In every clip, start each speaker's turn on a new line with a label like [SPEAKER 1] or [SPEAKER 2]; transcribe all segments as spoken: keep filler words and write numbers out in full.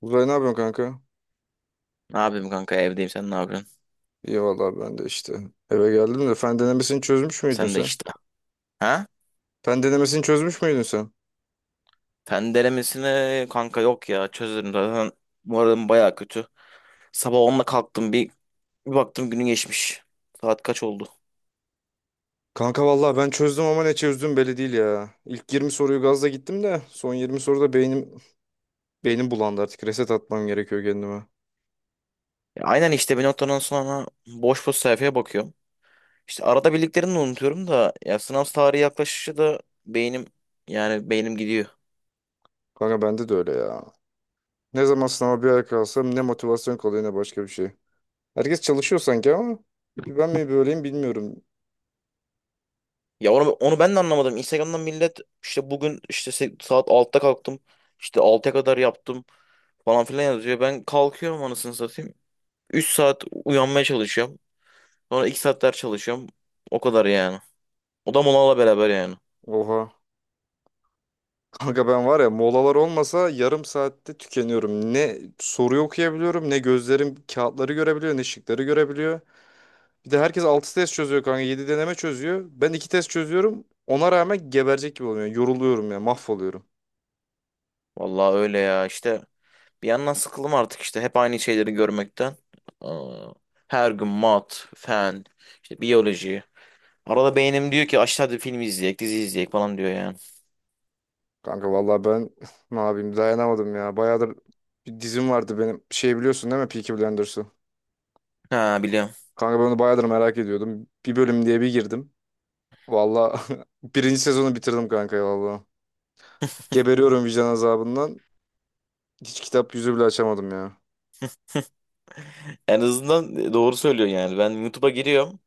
[SPEAKER 1] Uzay ne yapıyorsun kanka?
[SPEAKER 2] Ne yapayım kanka, evdeyim, sen ne yapıyorsun?
[SPEAKER 1] İyi vallahi ben de işte. Eve geldim de fen denemesini çözmüş müydün
[SPEAKER 2] Sen de
[SPEAKER 1] sen?
[SPEAKER 2] işte. Ha?
[SPEAKER 1] Fen denemesini çözmüş müydün sen?
[SPEAKER 2] Fen denemesine kanka, yok ya, çözerim zaten. Moralim baya kötü. Sabah onda kalktım, bir, bir baktım günün geçmiş. Saat kaç oldu?
[SPEAKER 1] Kanka vallahi ben çözdüm ama ne çözdüm belli değil ya. İlk yirmi soruyu gazla gittim de son yirmi soruda beynim beynim bulandı artık. Reset atmam gerekiyor kendime.
[SPEAKER 2] Ya aynen işte bir noktadan sonra boş boş sayfaya bakıyorum. İşte arada bildiklerini de unutuyorum da, ya sınav tarihi yaklaşışı da beynim, yani beynim gidiyor.
[SPEAKER 1] Kanka bende de öyle ya. Ne zaman sınava bir ay kalsam ne motivasyon kalıyor ne başka bir şey. Herkes çalışıyor sanki ama bir ben mi böyleyim bilmiyorum.
[SPEAKER 2] Ya onu, onu ben de anlamadım. Instagram'dan millet işte bugün işte se- saat altıda kalktım, işte altıya kadar yaptım falan filan yazıyor. Ben kalkıyorum anasını satayım. Üç saat uyanmaya çalışıyorum. Sonra iki saat ders çalışıyorum. O kadar yani. O da molayla beraber yani.
[SPEAKER 1] Oha. Kanka ben var ya molalar olmasa yarım saatte tükeniyorum. Ne soruyu okuyabiliyorum, ne gözlerim kağıtları görebiliyor, ne şıkları görebiliyor. Bir de herkes altı test çözüyor kanka, yedi deneme çözüyor. Ben iki test çözüyorum. Ona rağmen geberecek gibi oluyor. Yoruluyorum ya, mahvoluyorum.
[SPEAKER 2] Vallahi öyle ya işte. Bir yandan sıkıldım artık işte hep aynı şeyleri görmekten. Aa, her gün mat, fen, işte biyoloji. Arada beynim diyor ki aşağıda film izleyek, dizi izleyek falan diyor yani.
[SPEAKER 1] Kanka vallahi ben ne yapayım dayanamadım ya. Bayağıdır bir dizim vardı benim. Şey biliyorsun değil mi Peaky Blinders'ı?
[SPEAKER 2] Ha, biliyorum.
[SPEAKER 1] Kanka ben onu bayağıdır merak ediyordum. Bir bölüm diye bir girdim. Vallahi birinci sezonu bitirdim kanka ya vallahi. Geberiyorum vicdan azabından. Hiç kitap yüzü bile açamadım ya.
[SPEAKER 2] En azından doğru söylüyor yani. Ben YouTube'a giriyorum.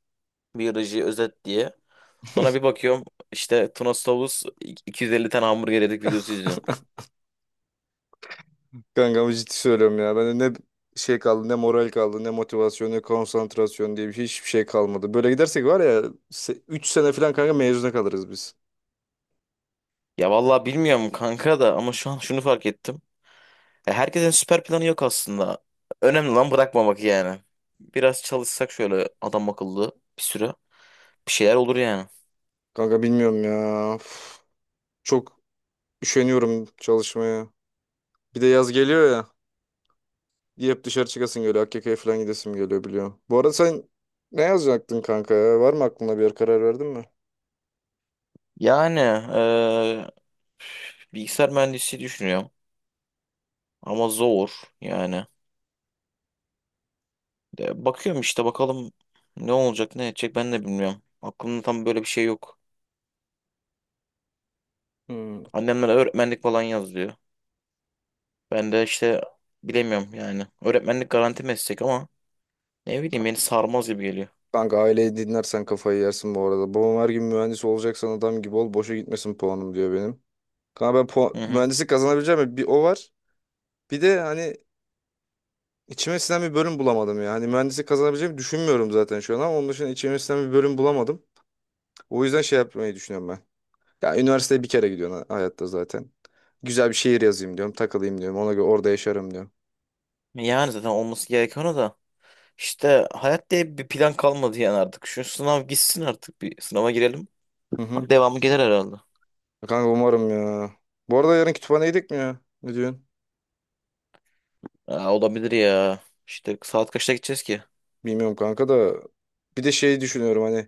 [SPEAKER 2] Biyoloji özet diye. Sonra bir bakıyorum işte Tunos Tavus iki yüz elli tane hamburger yedik videosu izliyorum.
[SPEAKER 1] Kanka ama ciddi söylüyorum ya. Bende ne şey kaldı, ne moral kaldı, ne motivasyon, ne konsantrasyon diye bir şey, hiçbir şey kalmadı. Böyle gidersek var ya üç sene falan kanka mezuna kalırız biz.
[SPEAKER 2] Ya vallahi bilmiyorum kanka da, ama şu an şunu fark ettim. Ya herkesin süper planı yok aslında. Önemli lan bırakmamak yani. Biraz çalışsak şöyle adam akıllı bir süre bir şeyler olur yani.
[SPEAKER 1] Kanka bilmiyorum ya. Üf, çok üşeniyorum çalışmaya. Bir de yaz geliyor ya. Hep dışarı çıkasın geliyor. A K K'ya falan gidesim geliyor biliyorum. Bu arada sen ne yazacaktın kanka ya? Var mı aklında bir yer karar verdin mi?
[SPEAKER 2] Yani eee, bilgisayar mühendisi düşünüyorum ama zor yani. E, bakıyorum işte, bakalım ne olacak ne edecek ben de bilmiyorum. Aklımda tam böyle bir şey yok.
[SPEAKER 1] Hmm.
[SPEAKER 2] Annemler öğretmenlik falan yazıyor. Ben de işte bilemiyorum yani. Öğretmenlik garanti meslek ama ne bileyim beni sarmaz gibi geliyor.
[SPEAKER 1] Kanka aileyi dinlersen kafayı yersin bu arada. Babam her gün mühendis olacaksan adam gibi ol. Boşa gitmesin puanım diyor benim. Kanka ben puan,
[SPEAKER 2] Hı hı.
[SPEAKER 1] mühendislik kazanabileceğim mi? bir o var. Bir de hani içime sinen bir bölüm bulamadım ya. Hani mühendislik kazanabileceğimi düşünmüyorum zaten şu an ama onun dışında içime sinen bir bölüm bulamadım. O yüzden şey yapmayı düşünüyorum ben. Ya üniversiteye bir kere gidiyorsun ha- hayatta zaten. Güzel bir şehir yazayım diyorum. Takılayım diyorum. Ona göre orada yaşarım diyorum.
[SPEAKER 2] Yani zaten olması gereken o da. İşte hayat diye bir plan kalmadı yani artık. Şu sınav gitsin artık, bir sınava girelim.
[SPEAKER 1] Hı hı.
[SPEAKER 2] Devamı gelir herhalde.
[SPEAKER 1] Kanka umarım ya. Bu arada yarın kütüphaneye gidecek mi ya? Ne diyorsun?
[SPEAKER 2] Aa, olabilir ya. İşte saat kaçta gideceğiz ki?
[SPEAKER 1] Bilmiyorum kanka da. Bir de şey düşünüyorum hani.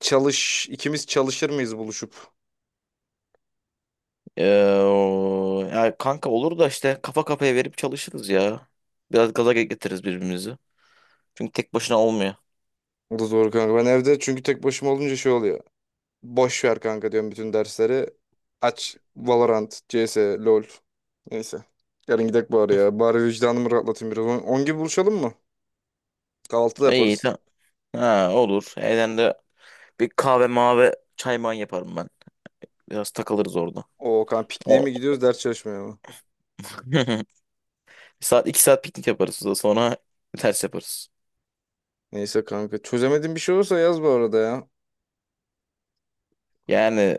[SPEAKER 1] Çalış, ikimiz çalışır mıyız buluşup?
[SPEAKER 2] Ee, o- ya kanka olur da işte kafa kafaya verip çalışırız ya. Biraz gaza getiririz birbirimizi. Çünkü tek başına olmuyor.
[SPEAKER 1] O da doğru kanka. Ben evde çünkü tek başıma olunca şey oluyor. Boş ver kanka diyorum bütün dersleri. Aç Valorant, C S, LoL. Neyse. Yarın gidek bari ya. Bari vicdanımı rahatlatayım biraz. on on gibi buluşalım mı? Kahvaltıda
[SPEAKER 2] İyi
[SPEAKER 1] yaparız.
[SPEAKER 2] tamam. Ha, olur. Evden de bir kahve mavi çay man yaparım ben. Biraz takılırız orada.
[SPEAKER 1] O kanka pikniğe
[SPEAKER 2] O...
[SPEAKER 1] mi gidiyoruz ders çalışmaya mı?
[SPEAKER 2] Bir saat iki saat piknik yaparız, da sonra ters yaparız.
[SPEAKER 1] Neyse kanka. Çözemediğin bir şey olursa yaz bu arada ya.
[SPEAKER 2] Yani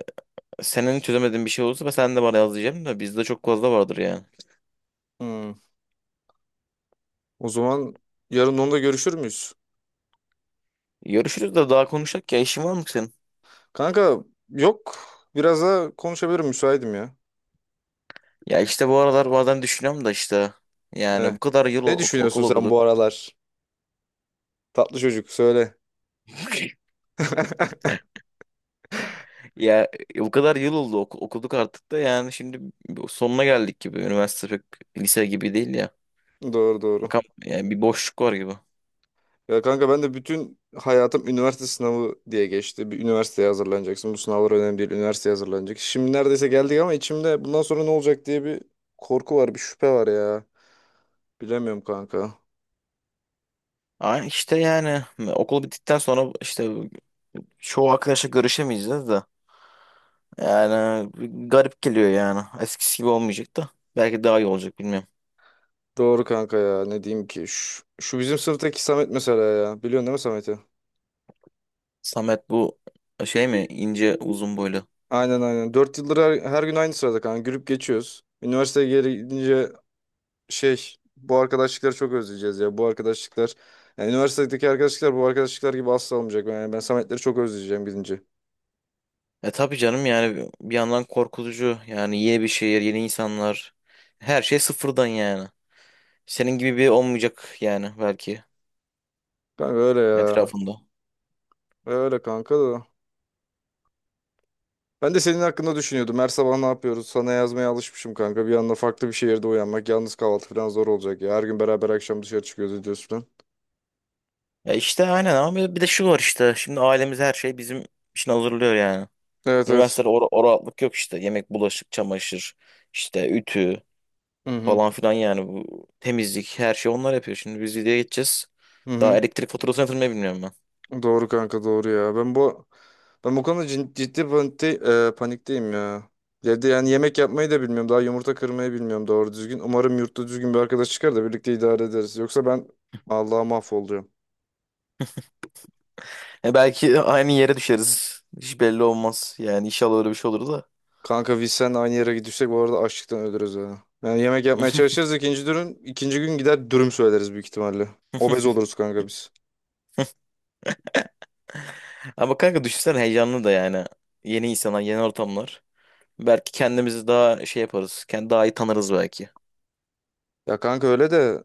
[SPEAKER 2] senin çözemediğin bir şey olursa ben, sen de bana yaz diyeceğim de bizde çok fazla vardır yani.
[SPEAKER 1] Hmm. O zaman yarın onda görüşür müyüz?
[SPEAKER 2] Görüşürüz de, daha konuşacak ya işin var mı senin?
[SPEAKER 1] Kanka yok. Biraz daha konuşabilirim müsaitim ya.
[SPEAKER 2] Ya işte bu aralar bazen düşünüyorum da işte yani
[SPEAKER 1] Eh.
[SPEAKER 2] bu kadar yıl
[SPEAKER 1] Ne
[SPEAKER 2] o-
[SPEAKER 1] düşünüyorsun
[SPEAKER 2] okul
[SPEAKER 1] sen
[SPEAKER 2] okuduk.
[SPEAKER 1] bu aralar? Tatlı çocuk söyle.
[SPEAKER 2] Ya bu kadar yıl oldu oku- okuduk artık da yani şimdi sonuna geldik gibi. Üniversite pek lise gibi değil ya.
[SPEAKER 1] Doğru doğru.
[SPEAKER 2] Bakalım yani, bir boşluk var gibi.
[SPEAKER 1] Ya kanka ben de bütün hayatım üniversite sınavı diye geçti. Bir üniversiteye hazırlanacaksın. Bu sınavlar önemli değil. Üniversiteye hazırlanacak. Şimdi neredeyse geldik ama içimde bundan sonra ne olacak diye bir korku var, bir şüphe var ya. Bilemiyorum kanka.
[SPEAKER 2] Ay işte yani okul bittikten sonra işte çoğu arkadaşla görüşemeyeceğiz de. Yani garip geliyor yani. Eskisi gibi olmayacak da. Belki daha iyi olacak, bilmiyorum.
[SPEAKER 1] Doğru kanka ya. Ne diyeyim ki? Şu, şu bizim sınıftaki Samet mesela ya. Biliyorsun değil mi Samet'i?
[SPEAKER 2] Samet bu şey mi, ince uzun boylu?
[SPEAKER 1] Aynen aynen. Dört yıldır her, her gün aynı sırada kanka. Gülüp geçiyoruz. Üniversiteye geri gidince şey bu arkadaşlıkları çok özleyeceğiz ya. Bu arkadaşlıklar yani üniversitedeki arkadaşlıklar bu arkadaşlıklar gibi asla olmayacak. Yani ben Sametleri çok özleyeceğim gidince.
[SPEAKER 2] E, tabii canım yani bir yandan korkutucu. Yani yeni bir şehir, yeni insanlar. Her şey sıfırdan yani. Senin gibi biri olmayacak yani belki
[SPEAKER 1] Kanka öyle ya.
[SPEAKER 2] etrafında.
[SPEAKER 1] Öyle kanka da. Ben de senin hakkında düşünüyordum. Her sabah ne yapıyoruz? Sana yazmaya alışmışım kanka. Bir anda farklı bir şehirde uyanmak. Yalnız kahvaltı falan zor olacak ya. Her gün beraber akşam dışarı çıkıyoruz ediyoruz falan.
[SPEAKER 2] Ya işte aynen, ama bir de şu var işte. Şimdi ailemiz her şey bizim için hazırlıyor yani.
[SPEAKER 1] Evet evet.
[SPEAKER 2] Üniversitede o, o rahatlık yok işte. Yemek, bulaşık, çamaşır, işte ütü
[SPEAKER 1] Hı hı.
[SPEAKER 2] falan filan, yani bu temizlik her şey onlar yapıyor. Şimdi biz videoya geçeceğiz.
[SPEAKER 1] Hı
[SPEAKER 2] Daha
[SPEAKER 1] hı.
[SPEAKER 2] elektrik faturasını yatırmayı bilmiyorum ben.
[SPEAKER 1] Doğru kanka doğru ya. Ben bu Ben bu konuda cin- ciddi panikte- e, panikteyim ya. Evde yani yemek yapmayı da bilmiyorum. Daha yumurta kırmayı bilmiyorum doğru düzgün. Umarım yurtta düzgün bir arkadaş çıkar da birlikte idare ederiz. Yoksa ben Allah'a mahvoluyorum.
[SPEAKER 2] E belki aynı yere düşeriz. Hiç belli olmaz. Yani inşallah öyle bir şey olur da.
[SPEAKER 1] Kanka biz sen aynı yere gidirsek bu arada açlıktan ölürüz ya. Yani yemek yapmaya çalışırız ikinci dürüm. ikinci gün gider dürüm söyleriz büyük ihtimalle. Obez oluruz kanka biz.
[SPEAKER 2] Ama kanka düşünsene, heyecanlı da yani. Yeni insanlar, yeni ortamlar. Belki kendimizi daha şey yaparız. Kendi daha iyi tanırız belki.
[SPEAKER 1] Ya kanka öyle de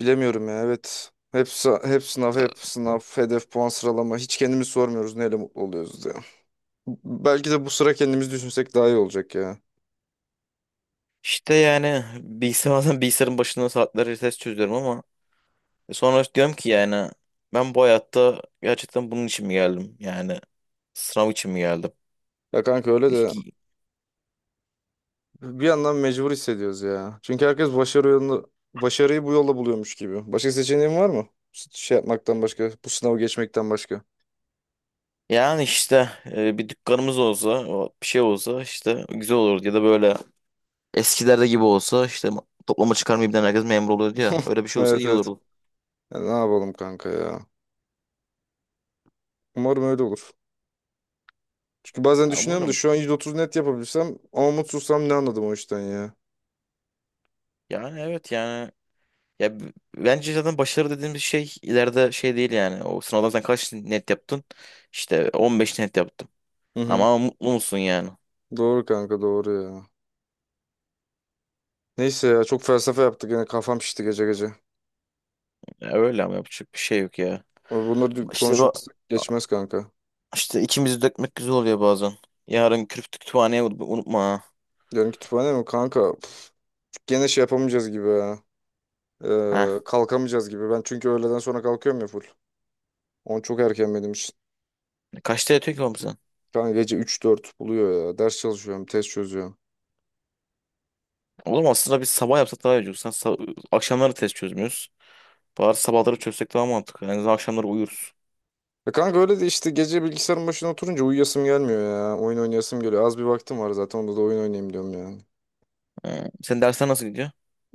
[SPEAKER 1] bilemiyorum ya evet. Hep, sa- hep sınav, hep sınav, hedef, puan sıralama. Hiç kendimiz sormuyoruz neyle mutlu oluyoruz ya. Belki de bu sıra kendimiz düşünsek daha iyi olacak ya.
[SPEAKER 2] İşte yani bilgisayar bazen bilgisayarın başında saatlerce test çözüyorum ama sonra diyorum ki yani ben bu hayatta gerçekten bunun için mi geldim? Yani sınav için mi geldim?
[SPEAKER 1] Ya kanka öyle de
[SPEAKER 2] Peki,
[SPEAKER 1] bir yandan mecbur hissediyoruz ya. Çünkü herkes başarı yolunu, başarıyı bu yolla buluyormuş gibi. Başka seçeneğin var mı? Şey yapmaktan başka, bu sınavı geçmekten başka.
[SPEAKER 2] yani işte e, bir dükkanımız olsa, o bir şey olsa işte güzel olurdu ya da böyle eskilerde gibi olsa işte toplama çıkarmayıp herkes memur oluyordu ya, öyle bir şey olsa
[SPEAKER 1] Evet
[SPEAKER 2] iyi
[SPEAKER 1] evet.
[SPEAKER 2] olurdu.
[SPEAKER 1] Ya ne yapalım kanka ya. Umarım öyle olur. Çünkü bazen
[SPEAKER 2] Ya
[SPEAKER 1] düşünüyorum da
[SPEAKER 2] umarım,
[SPEAKER 1] şu an yüz otuz net yapabilsem ama mutsuzsam ne anladım o işten ya.
[SPEAKER 2] yani evet yani, ya b- bence zaten başarı dediğimiz şey ileride şey değil yani. O sınavdan sen kaç net yaptın? İşte on beş net yaptım.
[SPEAKER 1] Hı hı.
[SPEAKER 2] Ama mutlu musun yani?
[SPEAKER 1] Doğru kanka doğru ya. Neyse ya çok felsefe yaptık yine kafam şişti gece gece.
[SPEAKER 2] Ya öyle, ama yapacak bir şey yok ya.
[SPEAKER 1] Bunları
[SPEAKER 2] İşte bak
[SPEAKER 1] konuşmazsak geçmez kanka.
[SPEAKER 2] işte, içimizi dökmek güzel oluyor bazen. Yarın kürk kütüphaneye unut- unutma ha.
[SPEAKER 1] Yarın kütüphane mi kanka? Pf, gene şey yapamayacağız gibi ya.
[SPEAKER 2] Ha.
[SPEAKER 1] Ee, kalkamayacağız gibi. Ben çünkü öğleden sonra kalkıyorum ya full. Onu çok erken benim için.
[SPEAKER 2] Kaçta yatıyor ki oğlum sen?
[SPEAKER 1] Kanka gece üç dört buluyor ya. Ders çalışıyorum, test çözüyorum.
[SPEAKER 2] Oğlum aslında biz sabah yapsak daha iyi olur. Sen sa- akşamları test çözmüyoruz. Bari sabahları çözsek daha mantıklı. En azından akşamları uyuruz.
[SPEAKER 1] Ya kanka öyle de işte gece bilgisayarın başına oturunca uyuyasım gelmiyor ya. Oyun oynayasım geliyor. Az bir vaktim var zaten. Onda da oyun oynayayım diyorum yani.
[SPEAKER 2] Sen Senin dersler nasıl gidiyor?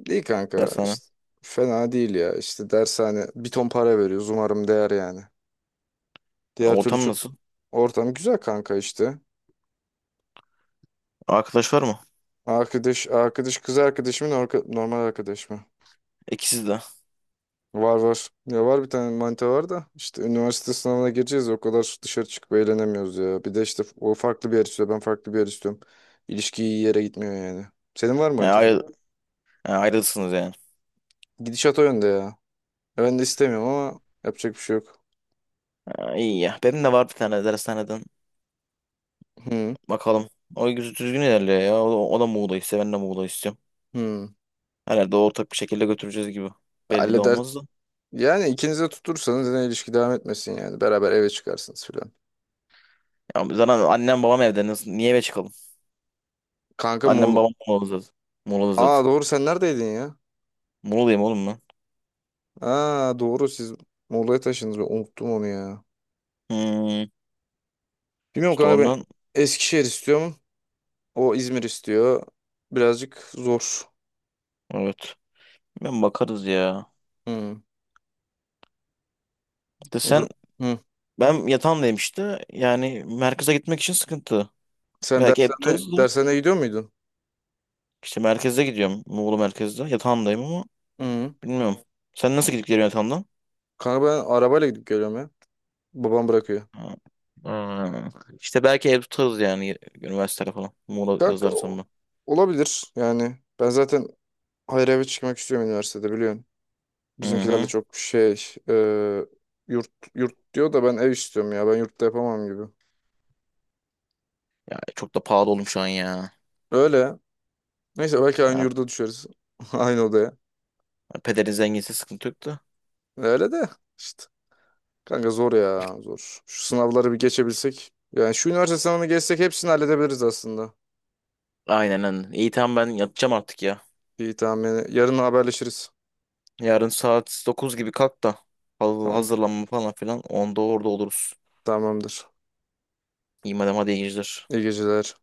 [SPEAKER 1] İyi kanka.
[SPEAKER 2] Dershane.
[SPEAKER 1] İşte fena değil ya. İşte dershane bir ton para veriyoruz. Umarım değer yani. Diğer türlü
[SPEAKER 2] Ortam
[SPEAKER 1] çok
[SPEAKER 2] nasıl?
[SPEAKER 1] ortam güzel kanka işte.
[SPEAKER 2] Arkadaş var mı?
[SPEAKER 1] Arkadaş, arkadaş kız arkadaşımın normal arkadaş mı?
[SPEAKER 2] İkisi de.
[SPEAKER 1] Var var. Ya var bir tane manita var da işte üniversite sınavına gireceğiz o kadar dışarı çıkıp eğlenemiyoruz ya. Bir de işte o farklı bir yer istiyor ben farklı bir yer istiyorum. İlişki iyi yere gitmiyor yani. Senin var mı manita falan?
[SPEAKER 2] Yani. Ha, ayrılsınız yani.
[SPEAKER 1] Gidişat o yönde ya. Ya Ben de istemiyorum ama yapacak bir şey yok.
[SPEAKER 2] Ha, iyi ya. Benim de var bir tane dershaneden.
[SPEAKER 1] Hı
[SPEAKER 2] Bakalım. O güzel düzgün ilerliyor ya. O, o da Muğla istiyor. Ben de Muğla istiyorum.
[SPEAKER 1] hı.
[SPEAKER 2] Herhalde ortak bir şekilde götüreceğiz gibi. Belli de
[SPEAKER 1] Halleder.
[SPEAKER 2] olmaz da.
[SPEAKER 1] Yani ikiniz de tutursanız yine ilişki devam etmesin yani. Beraber eve çıkarsınız falan.
[SPEAKER 2] Ya zaten annem babam evde. Nasıl, niye eve çıkalım?
[SPEAKER 1] Kanka
[SPEAKER 2] Annem
[SPEAKER 1] Muğla.
[SPEAKER 2] babam Muğla'da zaten. Muğla'da zaten.
[SPEAKER 1] Aa doğru sen neredeydin ya?
[SPEAKER 2] Muğla'yım oğlum ben.
[SPEAKER 1] Aa doğru siz Muğla'ya taşındınız. Ben unuttum onu ya.
[SPEAKER 2] Hmm,
[SPEAKER 1] Bilmiyorum
[SPEAKER 2] işte
[SPEAKER 1] kanka ben
[SPEAKER 2] ondan.
[SPEAKER 1] Eskişehir istiyorum. O İzmir istiyor. Birazcık zor.
[SPEAKER 2] Evet. Ben bakarız ya.
[SPEAKER 1] Hı.
[SPEAKER 2] De
[SPEAKER 1] O da-
[SPEAKER 2] sen
[SPEAKER 1] Hı.
[SPEAKER 2] ben yatağındayım işte. Yani merkeze gitmek için sıkıntı.
[SPEAKER 1] Sen
[SPEAKER 2] Belki ev tutarız
[SPEAKER 1] dershane,
[SPEAKER 2] da.
[SPEAKER 1] dershaneye gidiyor muydun?
[SPEAKER 2] İşte merkeze gidiyorum. Muğla merkezde. Yatağındayım ama.
[SPEAKER 1] Hı.
[SPEAKER 2] Bilmiyorum. Sen nasıl gidip geliyorsun Atan'dan?
[SPEAKER 1] Kanka ben arabayla gidip geliyorum ya. Babam bırakıyor.
[SPEAKER 2] Ha. Ha. İşte belki ev tutarız yani üniversitede falan. Muğla
[SPEAKER 1] Kanka o-
[SPEAKER 2] yazarsam ben.
[SPEAKER 1] olabilir yani. Ben zaten hayır eve çıkmak istiyorum üniversitede biliyorsun.
[SPEAKER 2] Hı
[SPEAKER 1] Bizimkilerle
[SPEAKER 2] hı.
[SPEAKER 1] çok şey e, yurt yurt diyor da ben ev istiyorum ya. Ben yurtta yapamam gibi.
[SPEAKER 2] Ya çok da pahalı oğlum şu an ya.
[SPEAKER 1] Öyle. Neyse belki aynı
[SPEAKER 2] Ha,
[SPEAKER 1] yurda düşeriz. Aynı odaya.
[SPEAKER 2] pederin zenginse sıkıntı yok da.
[SPEAKER 1] Öyle de. İşte. Kanka zor ya zor. Şu sınavları bir geçebilsek. Yani şu üniversite sınavını geçsek hepsini halledebiliriz aslında.
[SPEAKER 2] Aynen aynen. İyi tamam, ben yatacağım artık ya.
[SPEAKER 1] İyi tamam yani yarın haberleşiriz.
[SPEAKER 2] Yarın saat dokuz gibi kalk da. Haz-
[SPEAKER 1] Tamam
[SPEAKER 2] Hazırlanma falan filan. Onda orada oluruz.
[SPEAKER 1] tamamdır.
[SPEAKER 2] İyi madem, hadi iyi geceler.
[SPEAKER 1] İyi geceler.